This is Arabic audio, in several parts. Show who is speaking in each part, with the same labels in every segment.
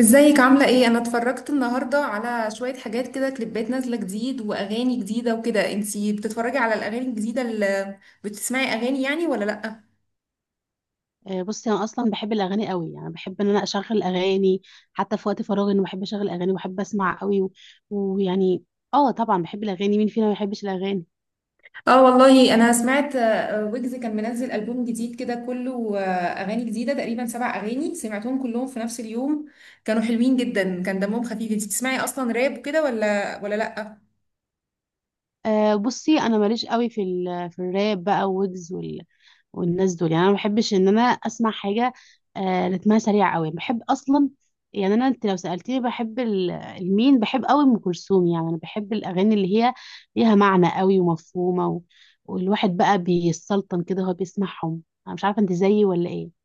Speaker 1: ازيك، عاملة ايه؟ انا اتفرجت النهاردة على شوية حاجات كده، كليبات نازلة جديد واغاني جديدة وكده. انتي بتتفرجي على الاغاني الجديدة، اللي بتسمعي اغاني يعني ولا لأ؟
Speaker 2: بصي انا اصلا بحب الاغاني قوي يعني بحب ان انا اشغل اغاني حتى في وقت فراغي انا بحب اشغل اغاني وبحب اسمع قوي ويعني اه طبعا بحب الاغاني. مين فينا ما بيحبش الاغاني؟
Speaker 1: اه والله انا سمعت، ويجز كان منزل ألبوم جديد كده كله، اغاني جديدة تقريبا سبع اغاني، سمعتهم كلهم في نفس اليوم. كانوا حلوين جدا، كان دمهم خفيف. انتي بتسمعي اصلا راب كده، ولا لأ؟
Speaker 2: بصي انا ماليش قوي في في الراب بقى ويجز والناس دول. يعني انا ما بحبش ان انا اسمع حاجه رتمها سريع قوي بحب اصلا. يعني انا، انت لو سالتني بحب المين؟ بحب قوي ام كلثوم. يعني انا بحب الاغاني اللي هي ليها معنى قوي ومفهومه والواحد بقى بيسلطن كده وهو بيسمعهم. انا مش عارفه انت زيي ولا ايه؟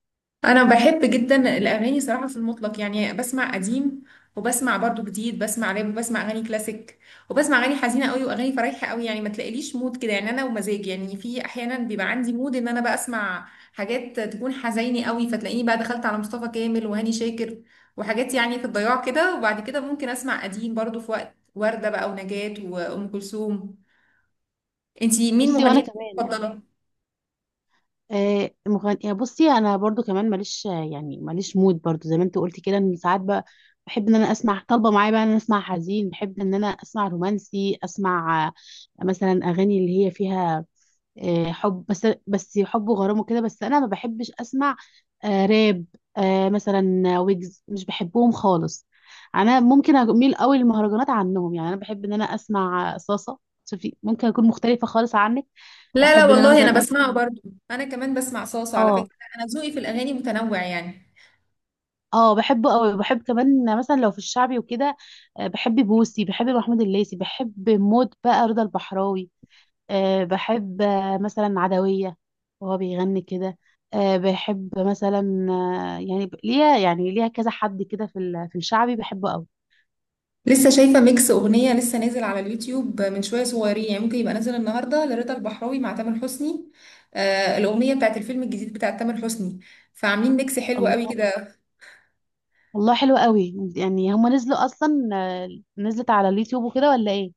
Speaker 1: انا بحب جدا الاغاني صراحه، في المطلق يعني. بسمع قديم وبسمع برضو جديد، بسمع راب وبسمع اغاني كلاسيك وبسمع اغاني حزينه قوي واغاني فرايحه قوي. يعني ما تلاقيليش مود كده يعني، انا ومزاج يعني، في احيانا بيبقى عندي مود ان انا بقى اسمع حاجات تكون حزيني قوي، فتلاقيني بقى دخلت على مصطفى كامل وهاني شاكر، وحاجات يعني في الضياع كده. وبعد كده ممكن اسمع قديم برضو، في وقت ورده بقى ونجاة وام كلثوم. انتي مين
Speaker 2: بصي وانا
Speaker 1: مغنيتك
Speaker 2: كمان يعني.
Speaker 1: المفضله؟
Speaker 2: مغني، بصي انا برضو كمان ماليش يعني، ماليش مود برضو زي ما انت قلتي كده. ان ساعات بقى بحب ان انا اسمع طالبه معايا بقى ان انا اسمع حزين، بحب ان انا اسمع رومانسي، اسمع مثلا اغاني اللي هي فيها حب. بس حب وغرام وكده، بس انا ما بحبش اسمع راب. مثلا ويجز مش بحبهم خالص. انا ممكن اميل قوي للمهرجانات عنهم. يعني انا بحب ان انا اسمع صاصه. شوفي ممكن اكون مختلفه خالص عنك.
Speaker 1: لا لا
Speaker 2: احب ان انا
Speaker 1: والله انا
Speaker 2: مثلا
Speaker 1: بسمعه
Speaker 2: اسمع.
Speaker 1: برضو. انا كمان بسمع صاصة على
Speaker 2: اه.
Speaker 1: فكرة، انا ذوقي في الاغاني متنوع يعني.
Speaker 2: اه بحبه قوي، بحب كمان مثلا لو في الشعبي وكده. بحب بوسي، بحب محمود الليثي، بحب موت بقى رضا البحراوي. بحب مثلا عدوية وهو بيغني كده. بحب مثلا يعني ليها، يعني ليها كذا حد كده في في الشعبي بحبه قوي.
Speaker 1: لسه شايفة ميكس اغنية لسه نازل على اليوتيوب من شوية صغيرين، يعني ممكن يبقى نازل النهاردة، لرضا البحراوي مع تامر حسني. آه الاغنية بتاعت الفيلم الجديد بتاع تامر حسني، فعاملين ميكس حلو قوي
Speaker 2: الله!
Speaker 1: كده.
Speaker 2: والله حلو قوي. يعني هما نزلوا اصلا نزلت على اليوتيوب وكده ولا ايه؟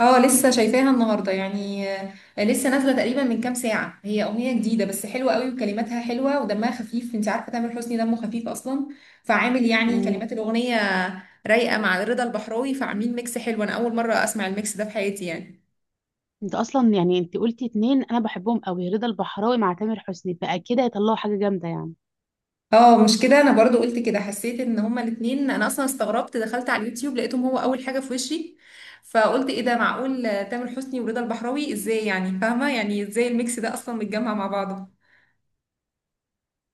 Speaker 1: اه لسه شايفاها النهارده يعني، لسه نازله تقريبا من كام ساعه. هي اغنيه جديده بس حلوه قوي، وكلماتها حلوه ودمها خفيف. انت عارفه تامر حسني دمه خفيف اصلا، فعامل يعني
Speaker 2: مم.
Speaker 1: كلمات الاغنيه رايقه مع رضا البحراوي، فعاملين ميكس حلو. انا اول مره اسمع الميكس ده في حياتي يعني.
Speaker 2: انت اصلا يعني، انت قلتي اتنين انا بحبهم قوي، رضا البحراوي مع تامر حسني، فاكيد هيطلعوا حاجة جامدة يعني.
Speaker 1: اه مش كده، انا برضو قلت كده، حسيت ان هما الاتنين. انا اصلا استغربت، دخلت على اليوتيوب لقيتهم، هو اول حاجه في وشي. فقلت ايه ده؟ معقول تامر حسني ورضا البحراوي؟ ازاي يعني، فاهمه؟ يعني ازاي الميكس ده اصلا متجمع مع بعضه.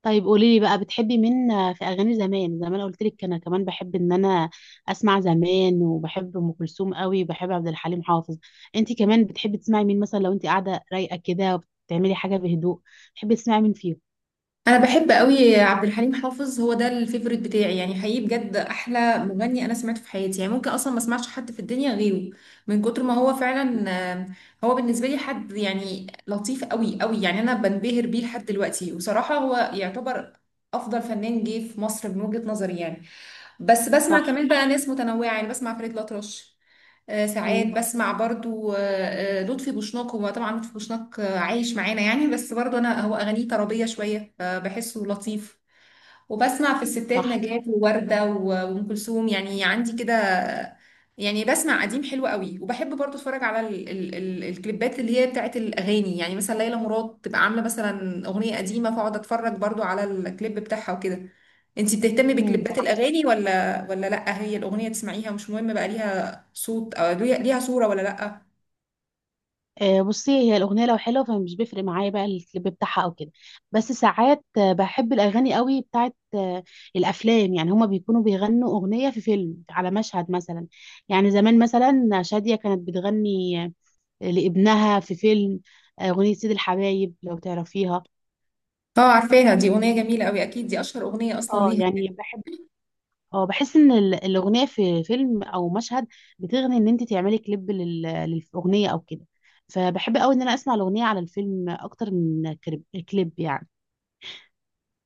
Speaker 2: طيب قولي لي بقى، بتحبي مين في اغاني زمان؟ زمان قلت لك انا كمان بحب ان انا اسمع زمان، وبحب ام كلثوم قوي وبحب عبد الحليم حافظ. انت كمان بتحبي تسمعي مين مثلا لو انت قاعده رايقه كده وبتعملي حاجه بهدوء؟ بتحبي تسمعي مين فيهم؟
Speaker 1: انا بحب قوي عبد الحليم حافظ، هو ده الفيفوريت بتاعي يعني، حقيقي بجد احلى مغني انا سمعته في حياتي يعني. ممكن اصلا ما اسمعش حد في الدنيا غيره من كتر ما هو فعلا. هو بالنسبه لي حد يعني لطيف قوي قوي يعني، انا بنبهر بيه لحد دلوقتي. وصراحه هو يعتبر افضل فنان جه في مصر من وجهه نظري يعني. بس بسمع
Speaker 2: صح.
Speaker 1: كمان بقى ناس متنوعه يعني، بسمع فريد الأطرش. ساعات
Speaker 2: مم.
Speaker 1: بسمع برضو لطفي بوشناق. هو طبعا لطفي بوشناق عايش معانا يعني، بس برضو انا هو اغانيه طربيه شويه فبحسه لطيف. وبسمع في الستات
Speaker 2: صح.
Speaker 1: نجاة ووردة وأم كلثوم يعني، عندي كده. يعني بسمع قديم حلو قوي، وبحب برضو اتفرج على ال ال ال الكليبات اللي هي بتاعت الأغاني. يعني مثلا ليلى مراد تبقى عاملة مثلا أغنية قديمة، فاقعد اتفرج برضو على الكليب بتاعها وكده. انتي بتهتمي
Speaker 2: مم.
Speaker 1: بكليبات الأغاني ولا لأ؟ هي الأغنية تسمعيها مش مهم بقى، ليها صوت أو ليها صورة ولا لأ؟
Speaker 2: بصي هي الاغنيه لو حلوه فمش بيفرق معايا بقى الكليب بتاعها او كده. بس ساعات بحب الاغاني قوي بتاعت الافلام. يعني هما بيكونوا بيغنوا اغنيه في فيلم على مشهد مثلا. يعني زمان مثلا شاديه كانت بتغني لابنها في فيلم اغنيه سيد الحبايب، لو تعرفيها.
Speaker 1: اه عارفاها، دي أغنية جميلة قوي، أكيد دي أشهر أغنية أصلا
Speaker 2: اه
Speaker 1: ليها.
Speaker 2: يعني بحب. اه بحس ان الاغنيه في فيلم او مشهد بتغني، ان انت تعملي كليب للاغنيه او كده. فبحب قوي ان انا اسمع الاغنيه على الفيلم اكتر من كليب كليب يعني.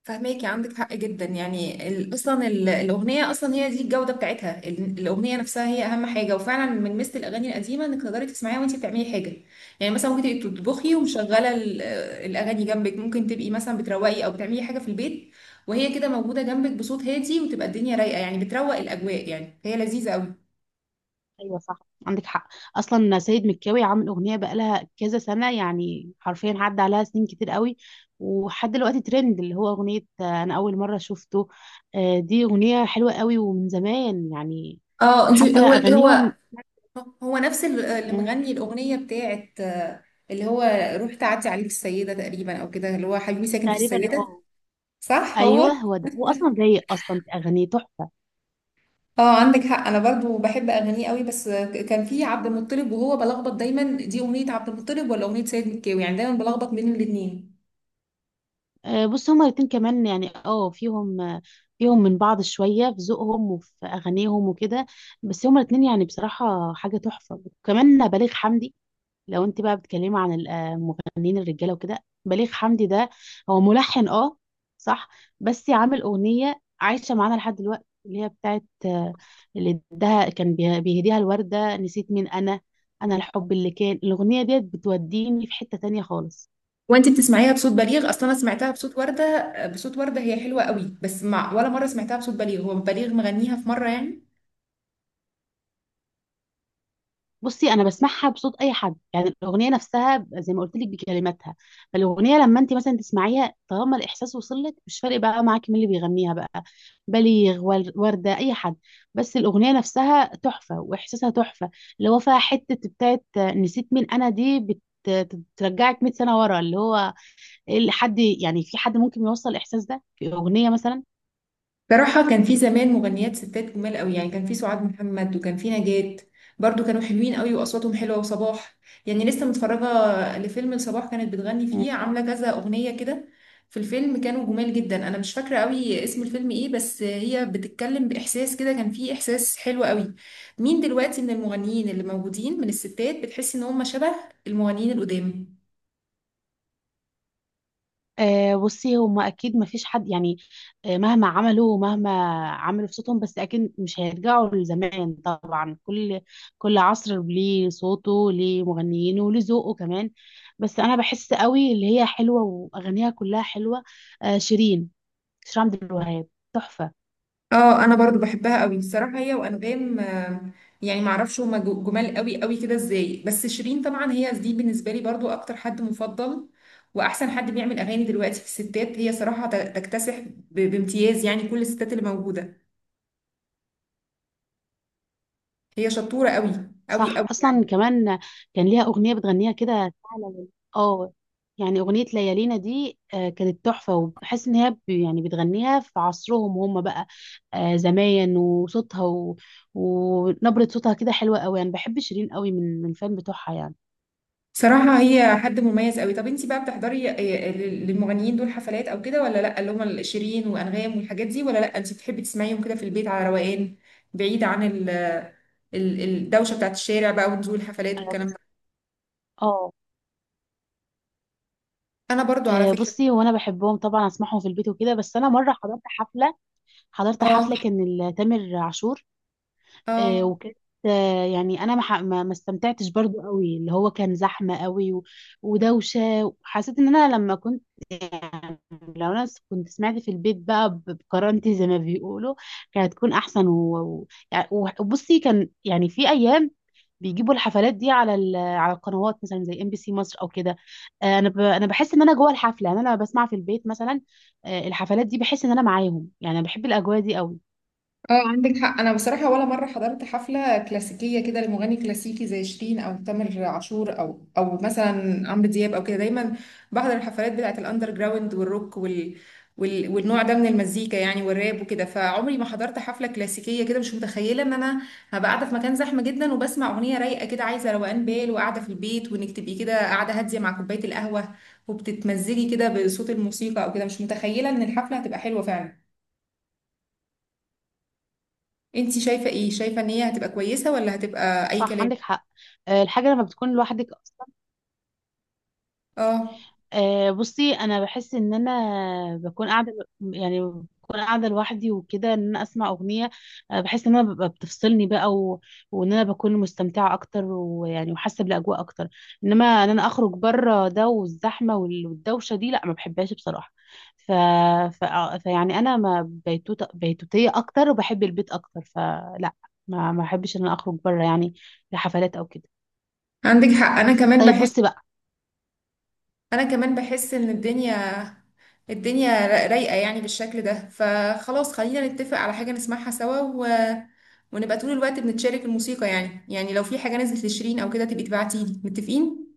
Speaker 1: فهماكي عندك حق جدا يعني، اصلا الاغنيه اصلا هي دي الجوده بتاعتها، الاغنيه نفسها هي اهم حاجه. وفعلا من مثل الاغاني القديمه انك تقدري تسمعيها وانت بتعملي حاجه. يعني مثلا ممكن تبقي بتطبخي ومشغله الاغاني جنبك، ممكن تبقي مثلا بتروقي او بتعملي حاجه في البيت وهي كده موجوده جنبك بصوت هادي، وتبقى الدنيا رايقه يعني، بتروق الاجواء يعني، هي لذيذه قوي.
Speaker 2: ايوه صح. عندك حق. اصلا سيد مكاوي عامل اغنيه بقالها كذا سنه، يعني حرفيا عدى عليها سنين كتير قوي. وحد دلوقتي ترند اللي هو اغنيه انا اول مره شفته. دي اغنيه حلوه قوي ومن زمان يعني.
Speaker 1: اه انت،
Speaker 2: حتى
Speaker 1: هو هو
Speaker 2: اغانيهم.
Speaker 1: هو نفس اللي
Speaker 2: مم،
Speaker 1: مغني الاغنيه بتاعت، اللي هو روح تعدي عليه في السيده تقريبا او كده، اللي هو حبيبي ساكن في
Speaker 2: تقريبا.
Speaker 1: السيده.
Speaker 2: اه
Speaker 1: صح هو.
Speaker 2: ايوه هو ده. هو اصلا رايق اصلا، في اغانيه تحفه.
Speaker 1: اه عندك حق، انا برضو بحب اغانيه قوي، بس كان في عبد المطلب وهو بلخبط دايما، دي اغنيه عبد المطلب ولا اغنيه سيد مكاوي؟ يعني دايما بلخبط بين الاثنين.
Speaker 2: بص هما الاتنين كمان يعني فيهم فيهم من بعض شويه في ذوقهم وفي اغانيهم وكده. بس هما الاتنين يعني بصراحه حاجه تحفه، وكمان بليغ حمدي. لو انت بقى بتتكلمي عن المغنيين الرجاله وكده، بليغ حمدي ده هو ملحن. اه صح. بس عامل اغنيه عايشه معانا لحد دلوقتي اللي هي بتاعت اللي اداها، كان بيهديها الورده، نسيت مين انا. انا الحب اللي كان، الاغنيه ديت بتوديني في حته تانية خالص.
Speaker 1: وانت بتسمعيها بصوت بليغ اصلا؟ انا سمعتها بصوت ورده، بصوت ورده هي حلوه قوي، بس مع ولا مره سمعتها بصوت بليغ. هو بليغ مغنيها في مره يعني؟
Speaker 2: بصي انا بسمعها بصوت اي حد، يعني الاغنيه نفسها، زي ما قلت لك بكلماتها. فالاغنيه لما انت مثلا تسمعيها، طالما الاحساس وصل لك، مش فارق بقى معاكي مين اللي بيغنيها بقى، بليغ، ورده، اي حد. بس الاغنيه نفسها تحفه واحساسها تحفه، اللي هو فيها حته بتاعت نسيت مين انا دي، بترجعك 100 سنه ورا. اللي هو إيه اللي حد يعني، في حد ممكن يوصل الاحساس ده في اغنيه مثلا؟
Speaker 1: صراحة كان في زمان مغنيات ستات جمال قوي يعني، كان في سعاد محمد وكان في نجاة برضو، كانوا حلوين قوي واصواتهم حلوة وصباح. يعني لسه متفرجة لفيلم لصباح كانت بتغني فيه، عاملة كذا اغنية كده في الفيلم، كانوا جمال جدا. انا مش فاكرة قوي اسم الفيلم ايه، بس هي بتتكلم باحساس كده، كان فيه احساس حلو قوي. مين دلوقتي من المغنيين اللي موجودين من الستات بتحس ان هم شبه المغنيين القدام؟
Speaker 2: بصي هما اكيد ما فيش حد يعني مهما عملوا، ومهما عملوا في صوتهم، بس اكيد مش هيرجعوا لزمان. طبعا كل كل عصر ليه صوته، ليه مغنيينه، وليه ذوقه كمان. بس انا بحس قوي اللي هي حلوه واغانيها كلها حلوه، شيرين. شيرين عبد الوهاب، تحفه.
Speaker 1: اه انا برضو بحبها قوي الصراحه، هي وانغام، يعني معرفش هما جمال قوي قوي كده ازاي. بس شيرين طبعا هي دي بالنسبه لي برضو اكتر حد مفضل، واحسن حد بيعمل اغاني دلوقتي في الستات، هي صراحه تكتسح بامتياز يعني كل الستات اللي موجوده، هي شطوره قوي قوي
Speaker 2: صح.
Speaker 1: قوي.
Speaker 2: اصلا كمان كان ليها اغنيه بتغنيها كده فعلا. اه يعني اغنيه ليالينا دي كانت تحفه. وبحس ان هي يعني بتغنيها في عصرهم هم بقى زمان. وصوتها ونبره صوتها كده حلوه قوي، يعني بحب شيرين قوي، من فان بتوعها يعني.
Speaker 1: صراحة هي حد مميز قوي. طب انتي بقى بتحضري للمغنيين دول حفلات او كده، ولا لا؟ اللي هم شيرين وانغام والحاجات دي، ولا لا؟ انتي بتحبي تسمعيهم كده في البيت على روقان بعيد عن الدوشة بتاعت الشارع بقى، ونزول الحفلات
Speaker 2: أنا
Speaker 1: والكلام ده؟
Speaker 2: بص- اه.
Speaker 1: انا برضو على فكرة.
Speaker 2: بصي هو انا بحبهم طبعا، اسمعهم في البيت وكده، بس انا مره حضرت
Speaker 1: اه،
Speaker 2: حفله كان تامر عاشور.
Speaker 1: اه،
Speaker 2: وكانت يعني انا ما استمتعتش برضو قوي. اللي هو كان زحمه قوي ودوشه. حسيت ان انا لما كنت يعني، لو انا كنت سمعت في البيت بقى بكرامتي، زي ما بيقولوا، كانت تكون احسن وبصي، كان يعني في ايام بيجيبوا الحفلات دي على على القنوات مثلا زي ام بي سي مصر او كده. انا انا بحس ان انا جوه الحفله. يعني انا لما بسمع في البيت مثلا الحفلات دي، بحس ان انا معاهم. يعني انا بحب الاجواء دي قوي.
Speaker 1: اه، عندك حق. انا بصراحه ولا مره حضرت حفله كلاسيكيه كده لمغني كلاسيكي زي شيرين او تامر عاشور، او مثلا عمرو دياب او كده. دايما بحضر الحفلات بتاعه الاندر جراوند والروك والنوع ده من المزيكا يعني، والراب وكده. فعمري ما حضرت حفله كلاسيكيه كده، مش متخيله ان انا هبقى قاعده في مكان زحمه جدا وبسمع اغنيه رايقه كده عايزه روقان بال، وقاعده في البيت. وانك تبقي كده قاعده هاديه مع كوبايه القهوه وبتتمزجي كده بصوت الموسيقى او كده، مش متخيله ان الحفله هتبقى حلوه فعلا. انتي شايفة ايه؟ شايفة ان هي هتبقى كويسة ولا هتبقى اي
Speaker 2: صح.
Speaker 1: كلام؟
Speaker 2: عندك حق. الحاجة لما بتكون لوحدك أصلا.
Speaker 1: اه
Speaker 2: بصي أنا بحس إن أنا بكون قاعدة، يعني بكون قاعدة لوحدي وكده، إن أنا أسمع أغنية بحس إن أنا ببقى بتفصلني بقى وإن أنا بكون مستمتعة أكتر، ويعني وحاسة بالأجواء أكتر. إنما إن أنا أخرج بره ده، والزحمة والدوشة دي، لا ما بحبهاش بصراحة. ف... فيعني أنا ما بيتوتية أكتر وبحب البيت أكتر. فلا ما بحبش إن أنا أخرج بره يعني لحفلات أو كده.
Speaker 1: عندك حق. انا كمان
Speaker 2: طيب
Speaker 1: بحس
Speaker 2: بصي بقى.
Speaker 1: انا كمان بحس ان الدنيا رايقة يعني بالشكل ده. فخلاص خلينا نتفق على حاجة نسمعها سوا ونبقى طول الوقت بنتشارك الموسيقى يعني لو في حاجة نزلت لشيرين او كده تبقي تبعتيلي. متفقين.